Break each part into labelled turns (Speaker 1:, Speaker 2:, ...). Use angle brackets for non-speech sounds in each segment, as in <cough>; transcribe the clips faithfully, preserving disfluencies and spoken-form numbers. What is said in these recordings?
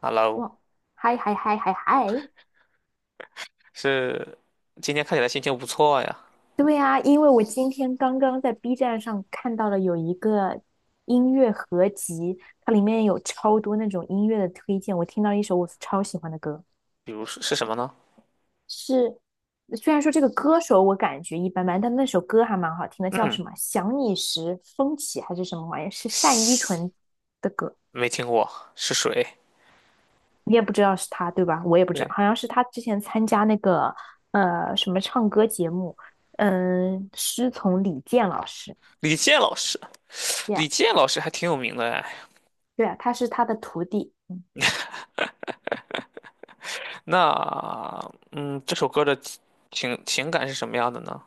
Speaker 1: Hello。
Speaker 2: 哇，嗨嗨嗨嗨嗨！
Speaker 1: 是。今天看起来心情不错呀。
Speaker 2: 对呀，因为我今天刚刚在 B 站上看到了有一个音乐合集，它里面有超多那种音乐的推荐。我听到一首我超喜欢的歌，
Speaker 1: 比如是是什么呢？
Speaker 2: 是。虽然说这个歌手我感觉一般般，但那首歌还蛮好听的，叫
Speaker 1: 嗯。
Speaker 2: 什么《想你时风起》还是什么玩意儿？是单依
Speaker 1: 是。
Speaker 2: 纯的歌。
Speaker 1: 没听过，是谁？
Speaker 2: 你也不知道是他，对吧？我也不知道，
Speaker 1: 对。
Speaker 2: 好像是他之前参加那个呃什么唱歌节目，嗯，师从李健老师
Speaker 1: 李健老师，
Speaker 2: ，Yeah，
Speaker 1: 李健老师还挺有名的哎。
Speaker 2: 对啊，他是他的徒弟，
Speaker 1: 那，嗯，这首歌的情情感是什么样的呢？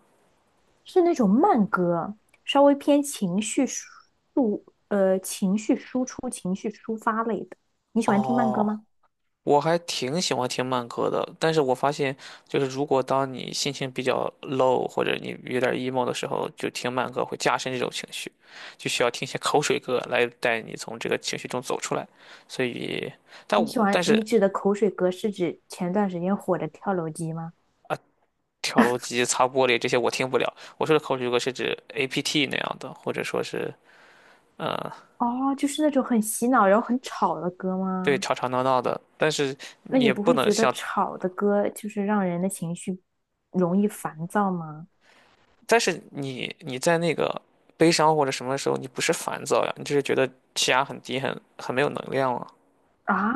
Speaker 2: 是那种慢歌，稍微偏情绪输呃情绪输出、情绪抒发类的。你喜欢听慢歌
Speaker 1: 哦，
Speaker 2: 吗？
Speaker 1: 我还挺喜欢听慢歌的，但是我发现，就是如果当你心情比较 low 或者你有点 emo 的时候，就听慢歌会加深这种情绪，就需要听一些口水歌来带你从这个情绪中走出来。所以，但
Speaker 2: 你喜
Speaker 1: 我但
Speaker 2: 欢
Speaker 1: 是
Speaker 2: 你指的口水歌是指前段时间火的跳楼机吗？
Speaker 1: 跳楼机、擦玻璃这些我听不了。我说的口水歌是指 A P T 那样的，或者说是呃，
Speaker 2: 哦，就是那种很洗脑然后很吵的歌
Speaker 1: 对，
Speaker 2: 吗？
Speaker 1: 吵吵闹闹的，但是
Speaker 2: 那
Speaker 1: 你
Speaker 2: 你
Speaker 1: 也
Speaker 2: 不
Speaker 1: 不
Speaker 2: 会
Speaker 1: 能
Speaker 2: 觉得
Speaker 1: 像。
Speaker 2: 吵的歌就是让人的情绪容易烦躁吗？
Speaker 1: 但是你你在那个悲伤或者什么时候，你不是烦躁呀，你就是觉得气压很低，很很没有能量了
Speaker 2: 啊，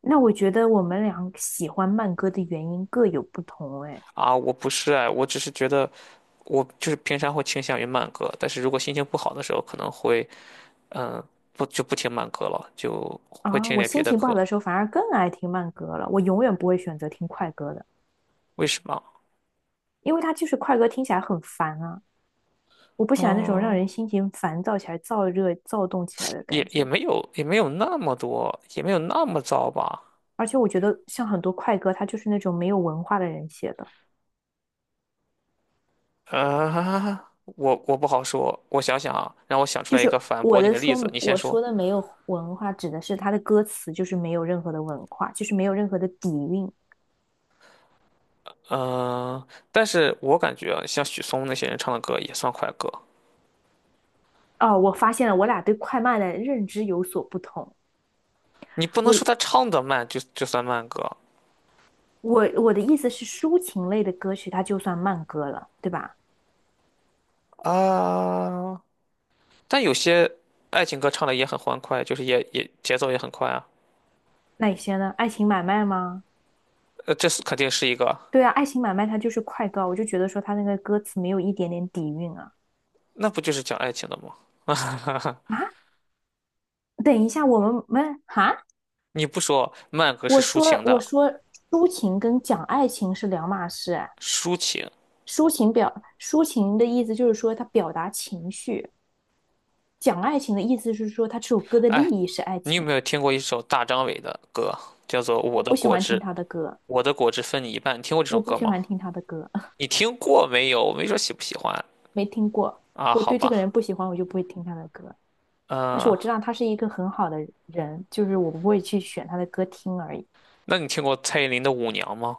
Speaker 2: 那我觉得我们俩喜欢慢歌的原因各有不同哎。
Speaker 1: 啊！我不是哎，我只是觉得我就是平常会倾向于慢歌，但是如果心情不好的时候，可能会嗯不就不听慢歌了，就会
Speaker 2: 啊，
Speaker 1: 听
Speaker 2: 我
Speaker 1: 点别
Speaker 2: 心
Speaker 1: 的
Speaker 2: 情不好
Speaker 1: 歌。
Speaker 2: 的时候反而更爱听慢歌了，我永远不会选择听快歌的，
Speaker 1: 为什么？
Speaker 2: 因为它就是快歌听起来很烦啊，我不喜欢那种让
Speaker 1: 嗯，
Speaker 2: 人心情烦躁起来、燥热、躁动起来的
Speaker 1: 也
Speaker 2: 感
Speaker 1: 也
Speaker 2: 觉。
Speaker 1: 没有也没有那么多，也没有那么糟吧？
Speaker 2: 而且我觉得像很多快歌，它就是那种没有文化的人写的。
Speaker 1: 啊，我我不好说，我想想啊，让我想出
Speaker 2: 就
Speaker 1: 来一
Speaker 2: 是
Speaker 1: 个反
Speaker 2: 我
Speaker 1: 驳你
Speaker 2: 的
Speaker 1: 的例
Speaker 2: 说，
Speaker 1: 子，你先
Speaker 2: 我
Speaker 1: 说。
Speaker 2: 说的没有文化，指的是他的歌词就是没有任何的文化，就是没有任何的底蕴。
Speaker 1: 嗯，但是我感觉啊像许嵩那些人唱的歌也算快歌，
Speaker 2: 哦，我发现了，我俩对快慢的认知有所不同。
Speaker 1: 你不能说
Speaker 2: 我
Speaker 1: 他唱的慢就就算慢歌
Speaker 2: 我我的意思是，抒情类的歌曲它就算慢歌了，对吧？
Speaker 1: 啊。但有些爱情歌唱的也很欢快，就是也也节奏也很快啊。
Speaker 2: 那有些呢？爱情买卖吗？
Speaker 1: 呃，这是肯定是一个。
Speaker 2: 对啊，爱情买卖它就是快歌，我就觉得说它那个歌词没有一点点底蕴啊
Speaker 1: 那不就是讲爱情的吗？<laughs>
Speaker 2: 啊！等一下，我们没哈，
Speaker 1: 你不说慢歌是
Speaker 2: 我
Speaker 1: 抒
Speaker 2: 说
Speaker 1: 情
Speaker 2: 我
Speaker 1: 的，
Speaker 2: 说抒情跟讲爱情是两码事，
Speaker 1: 抒情。
Speaker 2: 抒情表抒情的意思就是说他表达情绪，讲爱情的意思是说他这首歌的立
Speaker 1: 哎，
Speaker 2: 意是爱
Speaker 1: 你有
Speaker 2: 情。
Speaker 1: 没有听过一首大张伟的歌，叫做《我
Speaker 2: 我
Speaker 1: 的
Speaker 2: 不喜
Speaker 1: 果
Speaker 2: 欢听
Speaker 1: 汁》？
Speaker 2: 他的歌，
Speaker 1: 我的果汁分你一半，你听过这首
Speaker 2: 我不
Speaker 1: 歌
Speaker 2: 喜
Speaker 1: 吗？
Speaker 2: 欢听他的歌，<laughs>
Speaker 1: 你听过没有？我没说喜不喜欢。
Speaker 2: 没听过。
Speaker 1: 啊？
Speaker 2: 我
Speaker 1: 好
Speaker 2: 对这个
Speaker 1: 吧。
Speaker 2: 人不喜欢，我就不会听他的歌。但是
Speaker 1: 呃。
Speaker 2: 我知道他是一个很好的人，就是我不会去选他的歌听而已。
Speaker 1: 那你听过蔡依林的《舞娘》吗？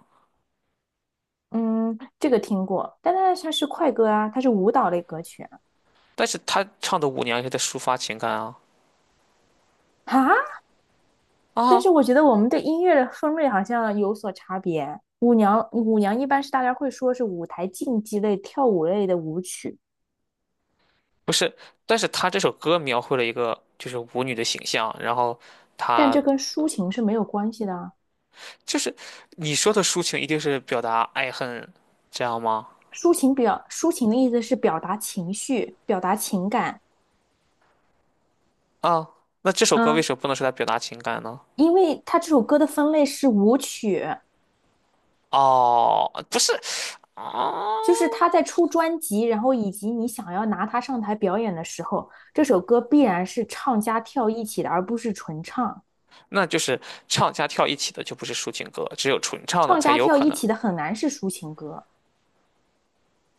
Speaker 2: 嗯，这个听过，但但是它是快歌啊，他是舞蹈类歌曲啊。
Speaker 1: 但是她唱的《舞娘》也是在抒发情感啊。
Speaker 2: 啊，但
Speaker 1: 啊。
Speaker 2: 是我觉得我们对音乐的分类好像有所差别。舞娘，舞娘一般是大家会说是舞台竞技类、跳舞类的舞曲，
Speaker 1: 不是，但是她这首歌描绘了一个就是舞女的形象，然后
Speaker 2: 但
Speaker 1: 她。
Speaker 2: 这跟抒情是没有关系的啊。
Speaker 1: 就是你说的抒情一定是表达爱恨，这样吗？
Speaker 2: 抒情表，抒情的意思是表达情绪、表达情感。
Speaker 1: 啊，那这首歌为
Speaker 2: 嗯，
Speaker 1: 什么不能说在表达情感呢？
Speaker 2: 因为它这首歌的分类是舞曲，
Speaker 1: 哦，不是啊，
Speaker 2: 就是他在出专辑，然后以及你想要拿它上台表演的时候，这首歌必然是唱加跳一起的，而不是纯唱。
Speaker 1: 那就是唱加跳一起的就不是抒情歌，只有纯唱的
Speaker 2: 唱
Speaker 1: 才
Speaker 2: 加
Speaker 1: 有
Speaker 2: 跳
Speaker 1: 可
Speaker 2: 一
Speaker 1: 能。
Speaker 2: 起的很难是抒情歌。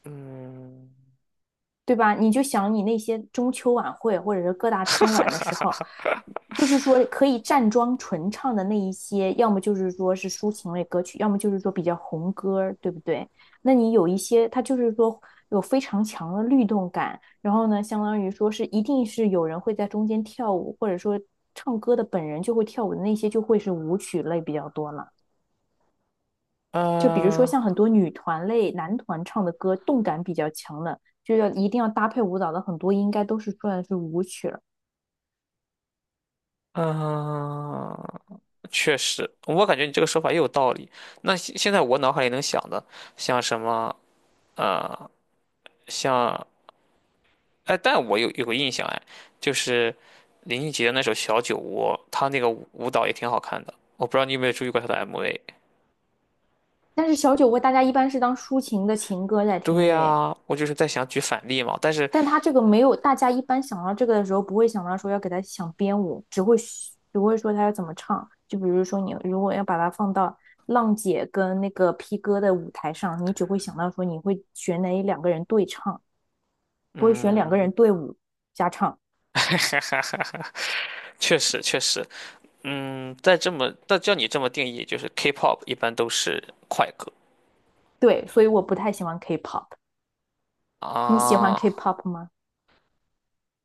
Speaker 1: 嗯。
Speaker 2: 对吧？你就想你那些中秋晚会或者是各大春晚的时候，就是说可以站桩纯唱的那一些，要么就是说是抒情类歌曲，要么就是说比较红歌对不对？那你有一些，它就是说有非常强的律动感，然后呢，相当于说是一定是有人会在中间跳舞，或者说唱歌的本人就会跳舞的那些，就会是舞曲类比较多了。就比如说
Speaker 1: 呃，
Speaker 2: 像很多女团类、男团唱的歌，动感比较强的，就要一定要搭配舞蹈的，很多应该都是算是舞曲了。
Speaker 1: 嗯、确实，我感觉你这个说法也有道理。那现现在我脑海里能想的，像什么呃，像哎，但我有有个印象哎，就是林俊杰的那首《小酒窝》，他那个舞舞蹈也挺好看的。我不知道你有没有注意过他的 M V。
Speaker 2: 但是小酒窝大家一般是当抒情的情歌在
Speaker 1: 对
Speaker 2: 听的耶。
Speaker 1: 呀，我就是在想举反例嘛，但是
Speaker 2: 但他这个没有，大家一般想到这个的时候，不会想到说要给他想编舞，只会只会说他要怎么唱。就比如说你如果要把它放到浪姐跟那个 P 哥的舞台上，你只会想到说你会选哪两个人对唱，不会选两个
Speaker 1: 嗯。
Speaker 2: 人对舞加唱。
Speaker 1: <laughs> 确实确实。嗯，在这么但叫你这么定义，就是 K-pop 一般都是快歌
Speaker 2: 对，所以我不太喜欢 K-pop。你喜欢
Speaker 1: 啊。
Speaker 2: K-pop 吗？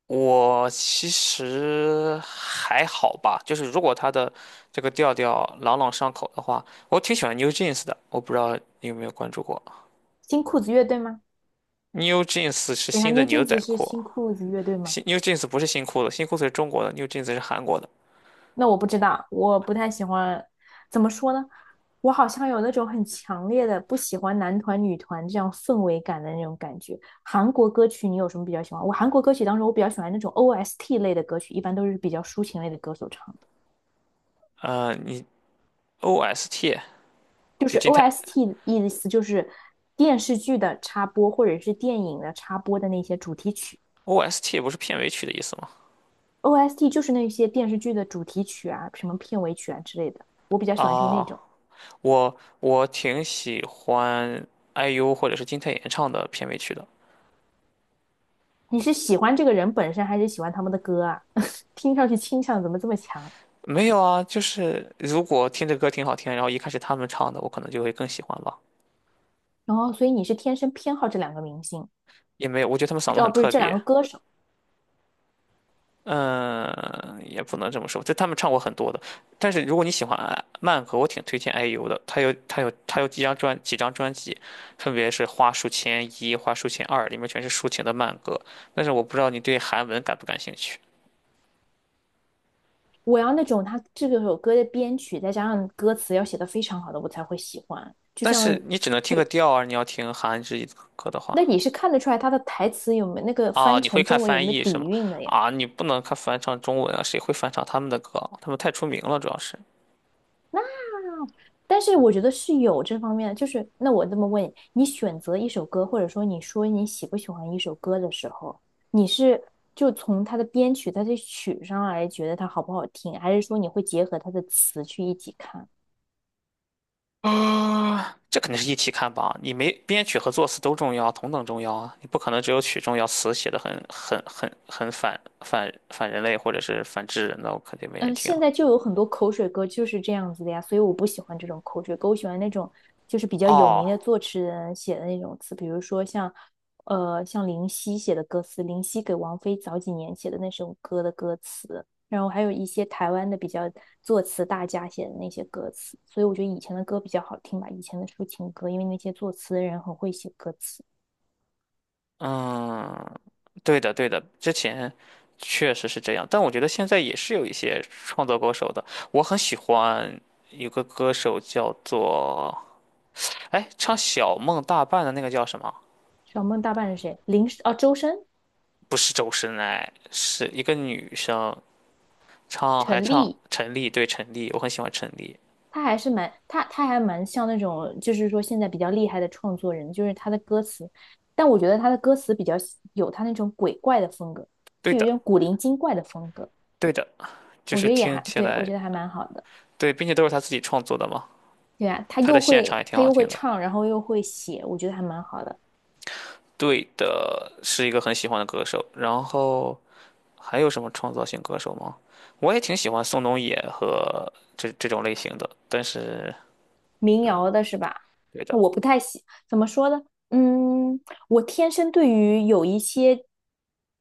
Speaker 1: 我其实还好吧，就是如果他的这个调调朗朗上口的话，我挺喜欢 New Jeans 的。我不知道你有没有关注过
Speaker 2: 新裤子乐队吗？
Speaker 1: ，New Jeans 是
Speaker 2: 等一下
Speaker 1: 新的
Speaker 2: ，New
Speaker 1: 牛仔
Speaker 2: Jeans 是
Speaker 1: 裤。
Speaker 2: 新裤子乐队吗？
Speaker 1: 新 New Jeans 不是新裤子，新裤子是中国的，New Jeans 是韩国的。
Speaker 2: 那我不知道，我不太喜欢。怎么说呢？我好像有那种很强烈的不喜欢男团、女团这样氛围感的那种感觉。韩国歌曲你有什么比较喜欢？我韩国歌曲当中我比较喜欢那种 O S T 类的歌曲，一般都是比较抒情类的歌手唱的。
Speaker 1: 呃，你 O S T。
Speaker 2: 就
Speaker 1: 就
Speaker 2: 是
Speaker 1: 金泰。
Speaker 2: O S T 意思就是电视剧的插播或者是电影的插播的那些主题曲。
Speaker 1: O S T 不是片尾曲的意思吗？
Speaker 2: O S T 就是那些电视剧的主题曲啊，什么片尾曲啊之类的，我比较喜欢听那
Speaker 1: 啊，
Speaker 2: 种。
Speaker 1: 我我挺喜欢 I U 或者是金泰妍唱的片尾曲的。
Speaker 2: 你是喜欢这个人本身，还是喜欢他们的歌啊？<laughs> 听上去倾向怎么这么强？
Speaker 1: 没有啊，就是如果听着歌挺好听，然后一看是他们唱的，我可能就会更喜欢吧。
Speaker 2: 然后，所以你是天生偏好这两个明星，
Speaker 1: 也没有，我觉得他们嗓子
Speaker 2: 哦，
Speaker 1: 很
Speaker 2: 不是
Speaker 1: 特
Speaker 2: 这两
Speaker 1: 别。
Speaker 2: 个歌手。
Speaker 1: 嗯，也不能这么说，就他们唱过很多的。但是如果你喜欢呃慢歌，我挺推荐 I U 的。他有他有他有几张专几张专辑，分别是《花书签一》《花书签二》，里面全是抒情的慢歌。但是我不知道你对韩文感不感兴趣。
Speaker 2: 我要那种他这个首歌的编曲，再加上歌词要写的非常好的，我才会喜欢。就
Speaker 1: 但
Speaker 2: 像，
Speaker 1: 是你只能听个调啊，你要听韩语歌的
Speaker 2: 那
Speaker 1: 话。
Speaker 2: 你是看得出来他的台词有没有那个
Speaker 1: 啊，
Speaker 2: 翻
Speaker 1: 你会
Speaker 2: 成
Speaker 1: 看
Speaker 2: 中文有
Speaker 1: 翻
Speaker 2: 没有
Speaker 1: 译是
Speaker 2: 底
Speaker 1: 吗？
Speaker 2: 蕴的呀？
Speaker 1: 啊，你不能看翻唱中文啊，谁会翻唱他们的歌？他们太出名了，主要是。
Speaker 2: 但是我觉得是有这方面的，就是那我这么问你，你选择一首歌，或者说你说你喜不喜欢一首歌的时候，你是就从它的编曲、它的曲上来觉得它好不好听，还是说你会结合它的词去一起看？
Speaker 1: 这肯定是一起看吧？你没编曲和作词都重要，同等重要啊！你不可能只有曲重要，词写的很很很很反反反人类或者是反智人的，我肯定没
Speaker 2: 嗯，
Speaker 1: 人
Speaker 2: 呃
Speaker 1: 听
Speaker 2: 现
Speaker 1: 啊。
Speaker 2: 在就有很多口水歌就是这样子的呀，所以我不喜欢这种口水歌，我喜欢那种就是比较有名
Speaker 1: 哦。
Speaker 2: 的作词人写的那种词，比如说像，呃，像林夕写的歌词，林夕给王菲早几年写的那首歌的歌词，然后还有一些台湾的比较作词大家写的那些歌词，所以我觉得以前的歌比较好听吧，以前的抒情歌，因为那些作词的人很会写歌词。
Speaker 1: 嗯，对的对的，之前确实是这样，但我觉得现在也是有一些创作歌手的。我很喜欢有个歌手叫做。哎，唱《小梦大半》的那个叫什么？
Speaker 2: 小梦大半是谁？林，哦，周深、
Speaker 1: 不是周深哎，是一个女生唱，还
Speaker 2: 陈
Speaker 1: 唱
Speaker 2: 粒。
Speaker 1: 陈粒，对陈粒，我很喜欢陈粒。
Speaker 2: 他还是蛮他他还蛮像那种，就是说现在比较厉害的创作人，就是他的歌词，但我觉得他的歌词比较有他那种鬼怪的风格，
Speaker 1: 对
Speaker 2: 就有一
Speaker 1: 的，
Speaker 2: 种古灵精怪的风格，
Speaker 1: 对的，就
Speaker 2: 我
Speaker 1: 是
Speaker 2: 觉得也
Speaker 1: 听
Speaker 2: 还
Speaker 1: 起
Speaker 2: 对，我
Speaker 1: 来
Speaker 2: 觉得还蛮好的。
Speaker 1: 对，并且都是她自己创作的嘛，
Speaker 2: 对啊，他
Speaker 1: 她的
Speaker 2: 又
Speaker 1: 现场
Speaker 2: 会
Speaker 1: 也挺
Speaker 2: 他
Speaker 1: 好
Speaker 2: 又会
Speaker 1: 听的。
Speaker 2: 唱，然后又会写，我觉得还蛮好的。
Speaker 1: 对的，是一个很喜欢的歌手。然后还有什么创造型歌手吗？我也挺喜欢宋冬野和这这种类型的，但是。
Speaker 2: 民
Speaker 1: 嗯，
Speaker 2: 谣的是吧？
Speaker 1: 对
Speaker 2: 那
Speaker 1: 的。
Speaker 2: 我不太喜，怎么说呢？嗯，我天生对于有一些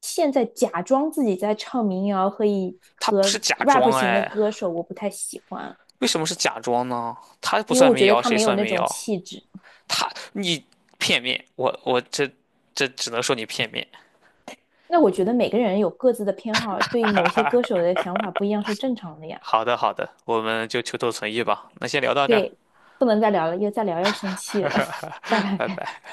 Speaker 2: 现在假装自己在唱民谣和以
Speaker 1: 他不是
Speaker 2: 和
Speaker 1: 假
Speaker 2: rap
Speaker 1: 装
Speaker 2: 型的
Speaker 1: 哎，
Speaker 2: 歌手，我不太喜欢。
Speaker 1: 为什么是假装呢？他不
Speaker 2: 因为
Speaker 1: 算
Speaker 2: 我
Speaker 1: 民
Speaker 2: 觉得
Speaker 1: 谣，
Speaker 2: 他
Speaker 1: 谁
Speaker 2: 没有
Speaker 1: 算
Speaker 2: 那
Speaker 1: 民
Speaker 2: 种
Speaker 1: 谣？
Speaker 2: 气质。
Speaker 1: 他你片面，我我这这只能说你片面。
Speaker 2: 那我觉得每个人有各自的偏好，对某些歌手的想法不一样是正常的呀。
Speaker 1: 好的好的，我们就求同存异吧。那先聊到这儿。
Speaker 2: 对，不能再聊了，又再聊要生气了，<laughs> 拜
Speaker 1: <laughs> 拜
Speaker 2: 拜。
Speaker 1: 拜。